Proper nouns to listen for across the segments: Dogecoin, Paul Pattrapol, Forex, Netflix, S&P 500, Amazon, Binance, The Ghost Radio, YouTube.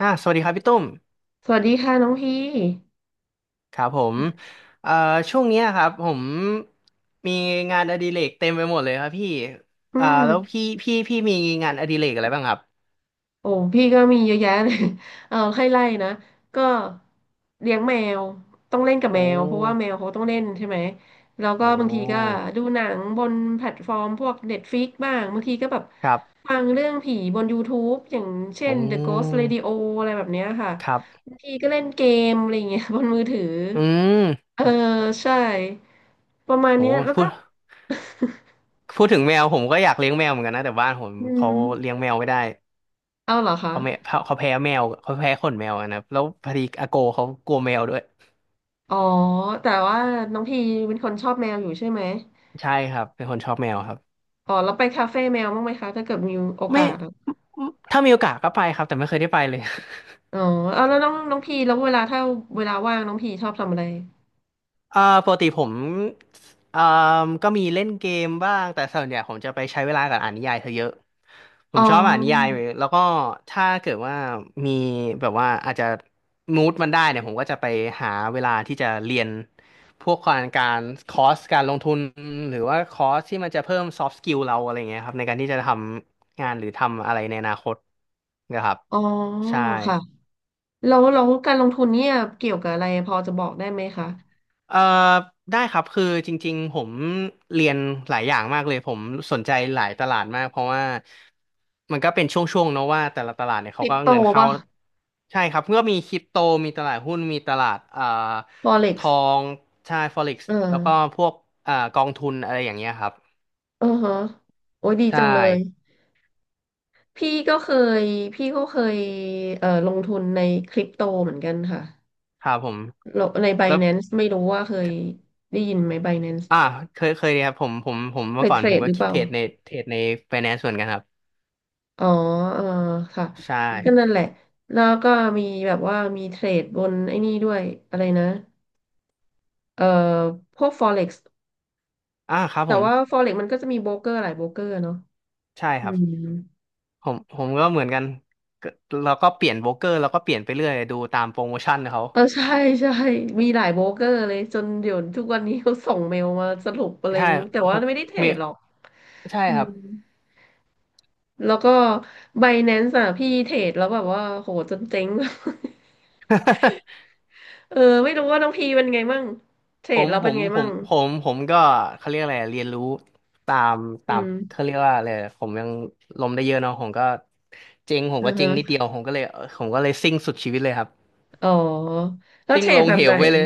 สวัสดีครับพี่ตุ้มสวัสดีค่ะน้องพี่ครับผมเอ่อช่วงเนี้ยครับผมมีงานอดิเรกเต็มไปหมดเลยครับพี่อืมแล้วพี่มีงานอดิเรกอะไรบ้างครับโอ้พี่ก็มีเยอะแยะเลย เออให้ไล่นะ ก็เลี้ยงแมว ต้องเล่นกับแมโอ้วเพราะว่าแมวเขาต้องเล่นใช่ไหม แล้วโอก็บางทีก็้ดูหนังบนแพลตฟอร์มพวก Netflix บ้าง บางทีก็แบบครับฟังเรื่องผีบน YouTube อย่างเช่อืน The Ghost Radio มอะไรแบบเนี้ยค่ะ ครับบางทีก็เล่นเกมอะไรอย่างเงี้ย บนมือถือ อืมเออใช่ประมาณโอ้เนี้ยแล้วพูก็ ดพูดถึงแมวผมก็อยากเลี้ยงแมวเหมือนกันนะแต่บ้านผม อืเขามเลี้ยงแมวไม่ได้เอาเหรอคะ เขาแม่เขาแพ้แมวเขาแพ้ขนแมวอะนะครับแล้วพอดีอาโกเขากลัวแมวด้วยอ๋อแต่ว่าน้องพีเป็นคนชอบแมวอยู่ใช่ไหมใช่ครับเป็นคนชอบแมวครับ อ๋อแล้วไปคาเฟ่แมวบ้างไหมคะถ้าเกิดมีโอไม่กาสอะถ้ามีโอกาสก็ไปครับแต่ไม่เคยได้ไปเลย อ๋อเอาแล้วน้องน้องพีแล้วเวลาถ้าเวลาว่างน้องพีชอบทำอะไร อ่าปกติผมอ่าก็มีเล่นเกมบ้างแต่ส่วนใหญ่ผมจะไปใช้เวลากับอ่านนิยายซะเยอะผอ๋อมชอบอ่านนิยายแล้วก็ถ้าเกิดว่ามีแบบว่าอาจจะมูดมันได้เนี่ยผมก็จะไปหาเวลาที่จะเรียนพวกการคอร์สการลงทุนหรือว่าคอร์สที่มันจะเพิ่ม soft skill เราอะไรเงี้ยครับในการที่จะทำงานหรือทำอะไรในอนาคตนะครับอ๋อใช่ ค่ะแล้วแล้วการลงทุนเนี่ยเกี่ยวกับอะไรพอจะบอกได้ไหมคะเอ่อได้ครับคือจริงๆผมเรียนหลายอย่างมากเลยผมสนใจหลายตลาดมากเพราะว่ามันก็เป็นช่วงๆเนอะว่าแต่ละตลาดเนี่ยคเขาริปก็โตเงินเข้าป่ะ ใช่ครับก็มีคริปโตมีตลาดหุ้นมีตลาดทอ Forex งใช่ Forex เออแล้วก็พวกกองทุนอะไรอย่างเงี้ยครับเออฮะโอ้ยดีใช่จังเลยพี่ก็เคยพี่ก็เคยลงทุนในคริปโตเหมือนกันค่ะ ครับผมเราใน แล้ว Binance ไม่รู้ว่าเคยได้ยินไหม Binance อ่าเคยครับผมเคเมื่อยก่อเทนรผมดหก็รือเปล่าเทรดในเทรดใน finance เหมือนกันครับอ๋อเออค่ะใช่ก็นั่นแหละแล้วก็มีแบบว่ามีเทรดบนไอ้นี่ด้วยอะไรนะเอ่อพวก Forex อ่าครับแต่ผมว่า Forex มันก็จะมีโบรกเกอร์หลายโบรกเกอร์เนาะใช่คอืรับ มผมก็เหมือนกันก็เราก็เปลี่ยนโบรกเกอร์แล้วก็เปลี่ยนไปเรื่อยดูตามโปรโมชั่นเขาเออ ใช่ใช่มีหลายโบรกเกอร์เลยจนเดี๋ยวทุกวันนี้เขาส่งเมลมาสรุปอะไรใช่ไม่รู้แต่ผว่ามไม่ได้เทรมีดหรอกใช่อืครัมบ แล้วก็ Binance อ่ะพี่เทรดแล้วแบบว่าโหจนเจ๊ง เออไม่รู้ว่าน้องพีเป็นไงมั่งเทร ผดมเราผเป็นมไงผมั่มงผมผมก็เขาเรียกอะไรอะเรียนรู้ตามตาอืมมเขาเรียกว่าอะไรอะผมยังล้มได้เยอะเนาะผมก็เจ๊งผมอืก็อเจ๊ฮะงนิดเดียวผมก็เลยเออผมก็เลยซิ่งสุดชีวิตเลยครับอ๋อแล้วซิ่เทงรลดงแบบเหไหนวไปเลย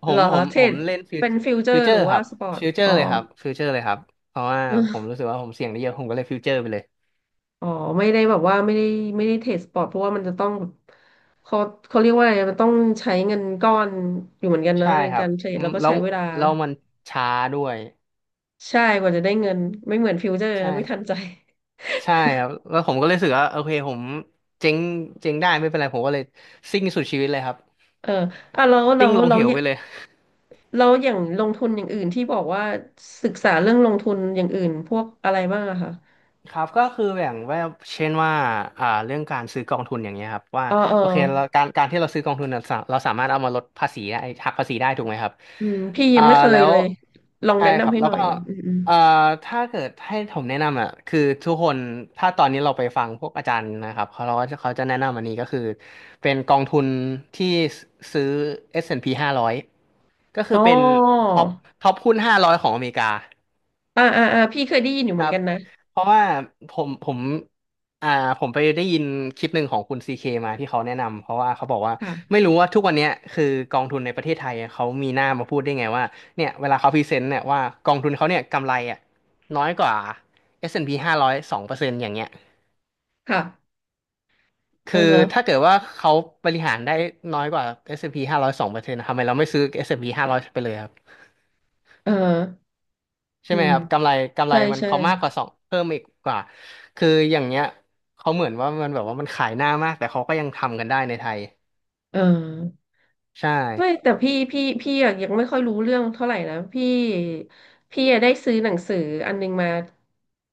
ผเหรมอผมเทรผมดเล่นฟิวเป็นฟิวเจอฟิวร์เจอหรือร์คว่ารับสปอร์ตฟิวเจออ๋ร์อเลยครับฟิวเจอร์เลยครับเพราะว่าอือผมรู้สึกว่าผมเสี่ยงได้เยอะผมก็เลยฟิวเจอร์ไปเลย อ๋อไม่ได้แบบว่าไม่ได้ไม่ได้เทรดสปอร์ตเพราะว่ามันจะต้องเขาเขาเรียกว่าอะไรมันต้องใช้เงินก้อนอยู่เหมือนกันนะใช่ในครักาบรเทรดอืแล้มวก็แล้ใช้วเวลาแล้วมันช้าด้วยใช่กว่าจะได้เงินไม่เหมือนฟิวเจอร์ใช่นะไม่ทันใจใช่ครับแล้วผมก็เลยรู้สึกว่าโอเคผมเจ๊งเจ๊งได้ไม่เป็นไรผมก็เลยซิ่งสุดชีวิตเลยครับเอออ่ะแล้วแล้ซิ่วงลงแล้เหว วไปเลย แล้วอย่างลงทุนอย่างอื่นที่บอกว่าศึกษาเรื่องลงทุนอย่างอื่นพวกอะไรบ้างอะคะครับก็คือแบ่งว่าเช่นว่าเรื่องการซื้อกองทุนอย่างเงี้ยครับว่าเออเออโอเคเราการที่เราซื้อกองทุนเน่ะเราสามารถเอามาลดภาษีได้หักภาษีได้ถูกไหมครับอืมพี่ยัอ่างไม่เคยแล้วเลยลองใช่แนะครันำบให้แล้หวน่อยก็อืมอมเอ่อถ้าเกิดให้ผมแนะนำอ่ะคือทุกคนถ้าตอนนี้เราไปฟังพวกอาจารย์นะครับเขาเราก็จะเขาจะแนะนำอันนี้ก็คือเป็นกองทุนที่ซื้อ S&P 500ก็คืออ๋อเป็นท็อปท็อปหุ้นห้าร้อยของอเมริกา อ่าอ่าอ่าพี่เคยได้ยินอยู่คเหมือรันบ กันนะเพราะว่าผมอ่าผมไปได้ยินคลิปหนึ่งของคุณซีเคมาที่เขาแนะนำ เพราะว่าเขาบอกว่าค่ะไม่รู้ว่าทุกวันเนี้ยคือกองทุนในประเทศไทยเขามีหน้ามาพูดได้ไงว่าเนี่ยเวลาเขาพรีเซนต์เนี่ยว่ากองทุนเขาเนี่ยกำไรอ่ะน้อยกว่า S&P 500 2%อนด์พีห้าร้อยสองเปอร์เซ็นต์อย่างเงี้ยค่ะเออคือถ้าฮะเกิดว่าเขาบริหารได้น้อยกว่า S&P 500 2%ทำไมเราไม่ซื้อ S&P 500ไปเลย เออใช่อืไหมมครับกำไรใช่มันใช่เขามากกว่าสองเพิ่มอีกกว่าคืออย่างเนี้ยเขาเหมือนว่ามันแบบว่ามันขายหน้ามากแต่เขาก็ยังทำกันได้ในไทยเออ ใช่ไม่แต่พี่พี่พี่อะยังไม่ค่อยรู้เรื่องเท่าไหร่นะพี่พี่อะได้ซื้อหนังสืออันนึงมา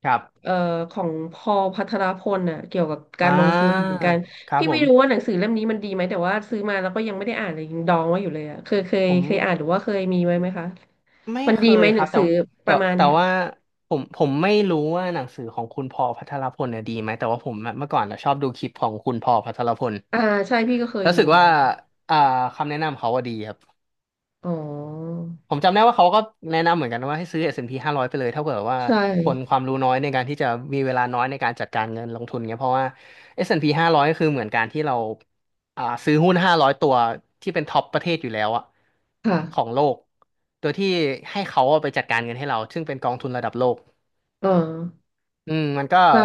ครัเอ่บอของพอลพัทรพลน่ะเกี่ยวกับกาอ่ารลงทุนเหมือนกันครับพี่ผไม่รู้ว่าหมนังสือเล่มนี้มันดีไหมแต่ว่าซื้อมาแล้วก็ยังไม่ได้อ่านเลยยังดองไว้อยู่เลยอ่ะเคยเคยผมเคยอ่านหรือว่าเคยมีไว้ไหมคะไม่มันเคดีไหยมหคนัรังบสืแต่อปแต่ระมาณแต่เนี้ยว่าผมไม่รู้ว่าหนังสือของคุณพอลพัทรพลเนี่ยดีไหมแต่ว่าผมอะเมื่อก่อนอะชอบดูคลิปของคุณพอลพัทรพลอ่าใช่พี่ก็เคยรู้ดูสึกเหมือนว่ากันอ่าคำแนะนำเขาว่าดีครับ อ๋อผมจำได้ว่าเขาก็แนะนำเหมือนกันว่าให้ซื้อ S&P 500ไปเลยถ้าเผื่อว่าใช่คนความรู้น้อยในการที่จะมีเวลาน้อยในการจัดการเงินลงทุนเงี้ยเพราะว่า S&P 500คือเหมือนการที่เราซื้อหุ้น500ตัวที่เป็นท็อปประเทศอยู่แล้วอะค่ะของโลกโดยที่ให้เขาเอาไปจัดการเงินให้เราซึ่งเป็นกองทุนระดับโลกเอออืมมันก็ใช่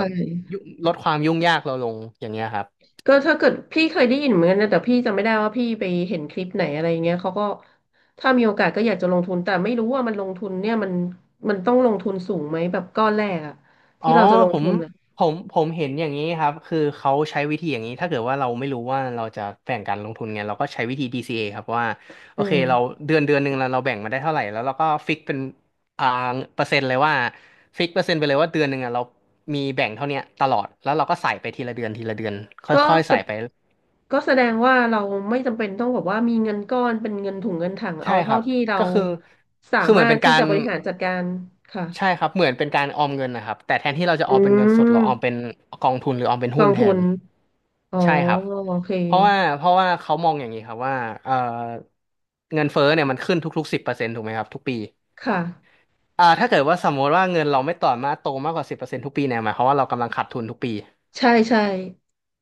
ยุลดความยุ่งยากเราลงอย่างเงี้ยครับ ก็ถ้าเกิดพี่เคยได้ยินเหมือนกันนะแต่พี่จำไม่ได้ว่าพี่ไปเห็นคลิปไหนอะไรเงี้ยเขาก็ถ้ามีโอกาสก็อยากจะลงทุนแต่ไม่รู้ว่ามันลงทุนเนี่ยมันมันต้องลงทุนสูงไหมแบบก้อนแรกอะอ๋อที่เราจะลงผมทุนอะผมเห็นอย่างนี้ครับคือเขาใช้วิธีอย่างนี้ถ้าเกิดว่าเราไม่รู้ว่าเราจะแบ่งการลงทุนไงเราก็ใช้วิธีDCA ครับว่าโออืเคเรามเดือนหนึ่งเราแบ่งมาได้เท่าไหร่แล้วเราก็ฟิกเป็นอ่าเปอร์เซ็นต์เลยว่าฟิกเปอร์เซ็นต์ไปเลยว่าเดือนหนึ่งอ่ะเรามีแบ่งเท่าเนี้ยตลอดแล้วเราก็ใส่ไปทีละเดือนทีละเดือนคก็่อยๆสใส่ดไปก็แสดงว่าเราไม่จำเป็นต้องแบบว่ามีเงินก้อนเป็นเงินถุงเงินถังใช่เอาคเท่ารับที่เราก็คือสาคือเหมามือนรถเป็นกาที่จะรบริหารจัดการใช่ค่ะครับเหมือนเป็นการออมเงินนะครับแต่แทนที่เราจะอืออมเป็นเงินสดมเราออมเป็นกองทุนหรือออมเป็นกอหุ้นงแททุนนอ๋อใช่ครับ โอเคเพราะว่าเขามองอย่างนี้ครับว่าเอ่อเงินเฟ้อเนี่ยมันขึ้นทุกๆสิบเปอร์เซ็นต์ถูกไหมครับทุกปีค่ะ อ่าถ้าเกิดว่าสมมติว่าเงินเราไม่ต่อมาโตมากกว่าสิบเปอร์เซ็นต์ทุกปีเนี่ยหมายความว่าเรากำลังขาดทุนทุกปีใช่ใช่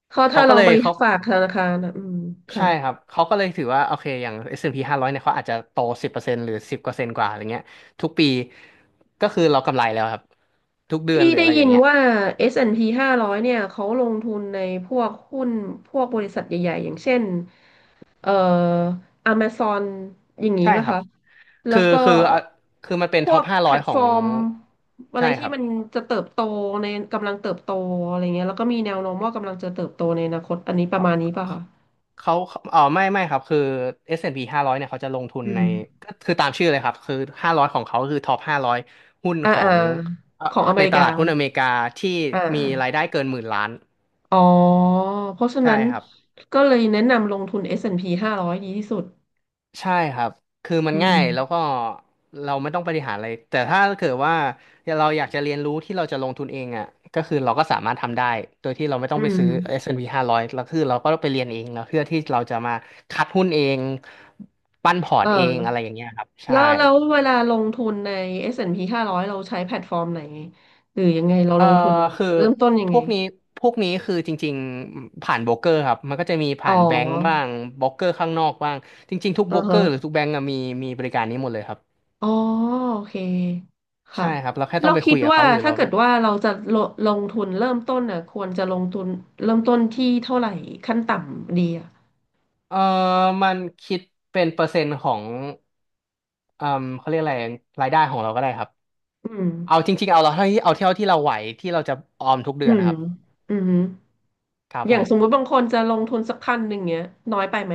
เพราะเขาถ้าก็เราเลไปยเขาฝากธนาคารนะอืมค่ะใช่ครับเขาก็เลยถือว่าโอเคอย่าง S&P 500เนี่ยเขาอาจจะโตสิบเปอร์เซ็นต์หรือสิบกว่าเปอร์เซนต์กว่าอะไรเงี้ยทุกปีก็คือเรากำไรแล้วครับทุกเดือนพี่หรือได้อะไรอยิย่านงเงี้ยว่า S&P 500เนี่ยเขาลงทุนในพวกหุ้นพวกบริษัทใหญ่ๆอย่างเช่นเอ่อ Amazon อย่างนี้ใช่ป่ะครับคะ แล้คืวอก็คืออ่ะคือมันเป็นพท็วอปกห้าแพร้อลยตขอฟองร์มอะไรใช่คที่รับ มันจะเติบโตในกำลังเติบโตอะไรเงี้ยแล้วก็มีแนวโน้มว่ากำลังจะเติบโตในอนาคตอันนี้ประมาณนี้ป่ะคะ เขาเออไม่ครับคือ S&P 500เนี่ยเขาจะลงทุนอืในม ก็คือตามชื่อเลยครับคือ500ของเขาคือท็อป500หุ้นอ่าขออ่างเอ่อของอเมในริตกา ลาดหุ้นอเมริกาที่อ่า มีรายได้เกินหมื่นล้านอ๋อเพราะฉะใช่นั้นครับ ก็เลยแนะนำลงทุน s สแอนดพีห้าร้อยดีที่สุดใช่ครับคือมัอืนง่ายแล้วมก็เราไม่ต้องบริหารอะไรแต่ถ้าเกิดว่าเราอยากจะเรียนรู้ที่เราจะลงทุนเองอ่ะก็คือเราก็สามารถทำได้โดยที่เราไม่ต้ออืงไปมซื้อ S&P 500แอนด์พีห้าร้อยแล้วคือเราก็ไปเรียนเองแล้วเพื่อที่เราจะมาคัดหุ้นเองปั้นพอร์เอตเองอะไรอย่าองเงี้ยครับใช่แล้วแล้วเวลาลงทุนในเอสแอนด์พีห้าร้0 0เราใช้แพลตฟอร์มไหนหรือยังไงเราเอ่อลงทุนยังไงคือเริ่มต้นยังพไงวกนี้พวกนี้คือจริงๆผ่านโบรกเกอร์ครับมันก็จะมีอ๋อผ่านแบงก์บ้างโบรกเกอร์ข้างนอกบ้างจริงๆทุกอืโบรอกเกอร์หรือฮะทุกแบงก์อะมีบริการนี้หมดเลยครับอ๋อโอเคใช่ค่ะครับเราแค่ต้อเรางไปคุคิดยกับว่าเขาหรือถ้าเรา เกิดว่าเราจะลลงทุนเริ่มต้นน่ะควรจะลงทุนเริ่มต้นที่เท่าไหร่ขั้นต่ำดีอ่ะเออมันคิดเป็นเปอร์เซ็นต์ของเออเขาเรียกอะไรรายได้ของเราก็ได้ครับอืมเอาจริงๆเอาเราเท่าที่เอาเท่าที่เราไหวที่เราจะออมทุกเดือือนนะมครับอืม ครับอผย่างมสมมุติบางคนจะลงทุนสัก1,000เงี้ยน้อยไปไหม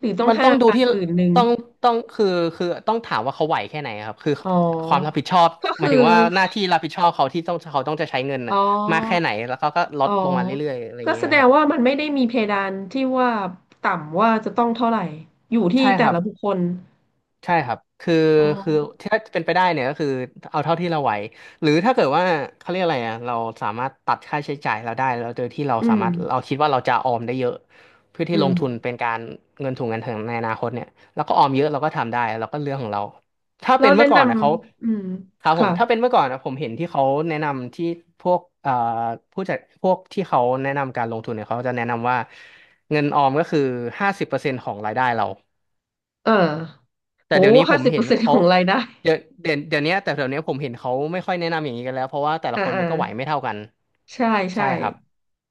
หรือต้องมันห้าต้องดูพันที่10,000ต้องต้องคือคือต้องถามว่าเขาไหวแค่ไหนครับคืออ๋อความรับผิดชอบก็หมาคืยอถึงว่าหน้าที่รับผิดชอบเขาที่ต้องเขาต้องจะใช้เงินอ๋อน่ะมากแค่ไหนแล้วเขาก็ลอ๋ดอลงมาเรื่อยๆอะไรอย่าก็งเงี้แสยดคงรับว่ามันไม่ได้มีเพดานที่ว่าต่ำว่าจะต้องเท่าไหร่อยู่ที่ใช่คแต่รับ ละบุคคลใช่ครับคืออ๋อคือถ้าเป็นไปได้เนี่ยก็คือเอาเท่าที่เราไหวหรือถ้าเกิดว่าเขาเรียกอะไรอ่ะเราสามารถตัดค่าใช้จ่ายเราได้แล้วโดยที่เราอืสามมารถเราคิดว่าเราจะออมได้เยอะเพื่ออืที่ลมงทุนเป็นการเงินถุงเงินถังในอนาคตเนี่ยแล้วก็ออมเยอะเราก็ทำได้เราก็เรื่องของเราถ้าแล้เป็วนแนะเมื่อก่นอนนะเขาำอืมครับผค่ะมถ้าเป็นเมื่อก่อนนะผมเห็นที่เขาแนะนำที่พวกผู้จัดพวกที่เขาแนะนำการลงทุนเนี่ยเขาจะแนะนำว่าเงินออมก็คือห้าสิบเปอร์เซ็นต์ของรายได้เรา เออแต่โอ้เดี๋ยวนี้ผห้ามสิบเปเห็อนร์เซ็นต์ขเขาองรายได้เดี๋ยวนี้แต่เดี๋ยวนี้ผมเห็นเขาไม่ค่อยแนะนำอย่างนี้กันแล้วเพราะว่าแต่ละอ่าคนอ่ามันก็ไหวไม่เท่ากันใช่ใช่ใช่ครับ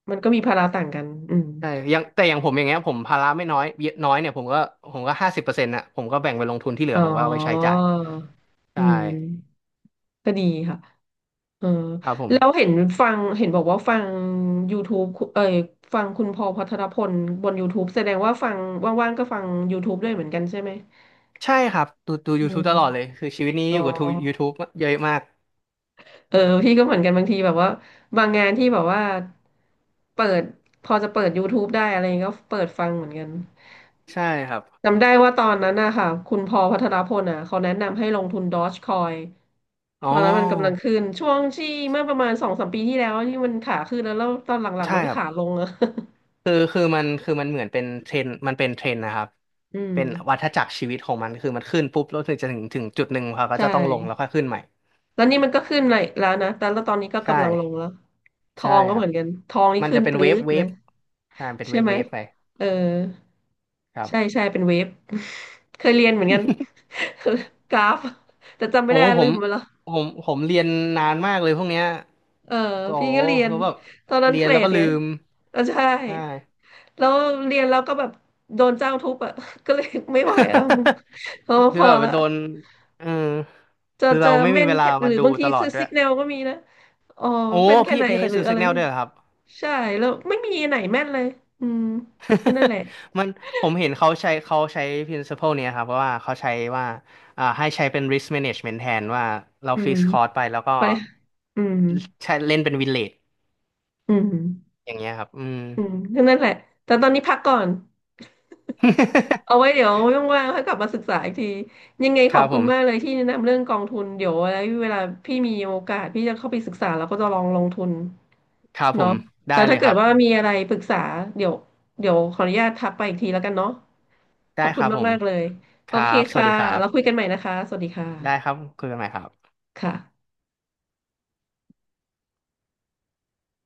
มันก็มีภาระต่างกันอืมใช่อยังแต่อย่างผมอย่างเงี้ยผมภาระไม่น้อยเยอะน้อยเนี่ยผมก็ห้าสิบเปอร์เซ็นต์ะผมก็แบ่งไปลงทุนที่เหลือ๋ออผมก็เอาไปใช้จ่ายอืใช่ม ก็ดีค่ะเออครับผแล้วมเห็นฟังเห็นบอกว่าฟัง YouTube คุเอ่ยฟังคุณพอลพัทรพลบน YouTube แสดงว่าฟังว่างๆก็ฟัง YouTube ด้วยเหมือนกันใช่ไหมใช่ครับดู อื YouTube ตลอดเลยมคือชีวิตนี้อ๋ออยู่กับทู YouTube เยอะมากเออพี่ก็เหมือนกันบางทีแบบว่าบางงานที่แบบว่าเปิดพอจะเปิด YouTube ได้อะไรก็เปิดฟังเหมือนกันใช่ครับจำได้ว่าตอนนั้นนะคะคุณพอลพัทรพลอ่ะเขาแนะนำให้ลงทุน Dogecoin อ๋ตออนนั้นมันกำลังขึ้นช่วงที่เมื่อประมาณสองสามปีที่แล้วที่มันขาขึ้นแล้วตอนหลังๆใช่มันก็ครับ ขาลงอะ คือมันคือมันเหมือนเป็นเทรนด์มันเป็นเทรนด์นะครับ อืมเป็นวัฏจักรชีวิตของมันคือมันขึ้นปุ๊บแล้วถึงจะถึงจุดหนึ่งเขาก็ใช่จะต้องลงแล้วค่อยขึ้นใหม่ ตอนนี้มันก็ขึ้นเลยแล้วนะแต่แล้วตอนนี้ก็ใช่ กำลังลงแล้วทอใช่งก็คเหรัมืบ อนกันทองนี่มันขึ้จะนเป็ปนเวรื๊ฟดเวเลยฟใช่มันเป็นใช่เวฟไหมเวฟไปเออครัใช่บ ใช่เป็นเวฟ เคยเรียนเหมือนกัน กราฟแต่จำไม่โอ้ได้ผลืมมไปแล้วผมเรียนนานมากเลยพวกเนี้ยเออก็พี่โอ้ก็เรียนแล้วแบบตอนนั้นเรีเทยนรแล้วดก็ลืไงมเออใช่ ใช่ แล้วเรียนแล้วก็แบบโดนเจ้าทุบอ่ะ ก็เลยไม่ไหวแล้ว พอ พคืออแบบละโดนเออจะคือจะเราไม่มีเม่นเวลาแค่หมารือดูบางทีตลอดซื้อด้วซิย กแนลก็มีนะอ๋อโอ้เม่นแค่พี่ไหนพี่เคยหรือซื้อ อะไร Signal ด้วยเหรอครับ ใช่แล้วไม่มีไหนแม่นเลยอืมก็นั่นแหละมันผมเห็นเขาใช้ principle เนี้ยครับเพราะว่าเขาใช้ว่าอ่าให้ใช้เป็น risk management แทนว่าเราอืฟิมกคอร์สไปแล้วก็ไปอืมใช้เล่นเป็นวินเลดอืมอย่างเงี้ยครับอืม อืมก็นั่นแหละแต่ตอนนี้พักก่อน เอาไว้ เดี๋ยวว่างๆค่อยกลับมาศึกษาอีกทียังไงคขอรับบผคุณมากเลมยที่แนะนำเรื่องกองทุนเดี๋ยวอะไรเวลาพี่มีโอกาสพี่จะเข้าไปศึกษาแล้วก็จะลองลงทุนครับผเนาะมได้แล้วเลถ้ายคเกิดรับว่ามีอะไรปรึกษาเดี๋ยวเดี๋ยวขออนุญาตทักไปอีกทีแล้วกันเนาะขได้อบคคุณรับผมมากๆเลยคโอรัเคบสวัค่ะสดีครัเราคุยบกันใหม่นะคะสวัสดีค่ได้ครับะคุยกันใหม่ครับค่ะ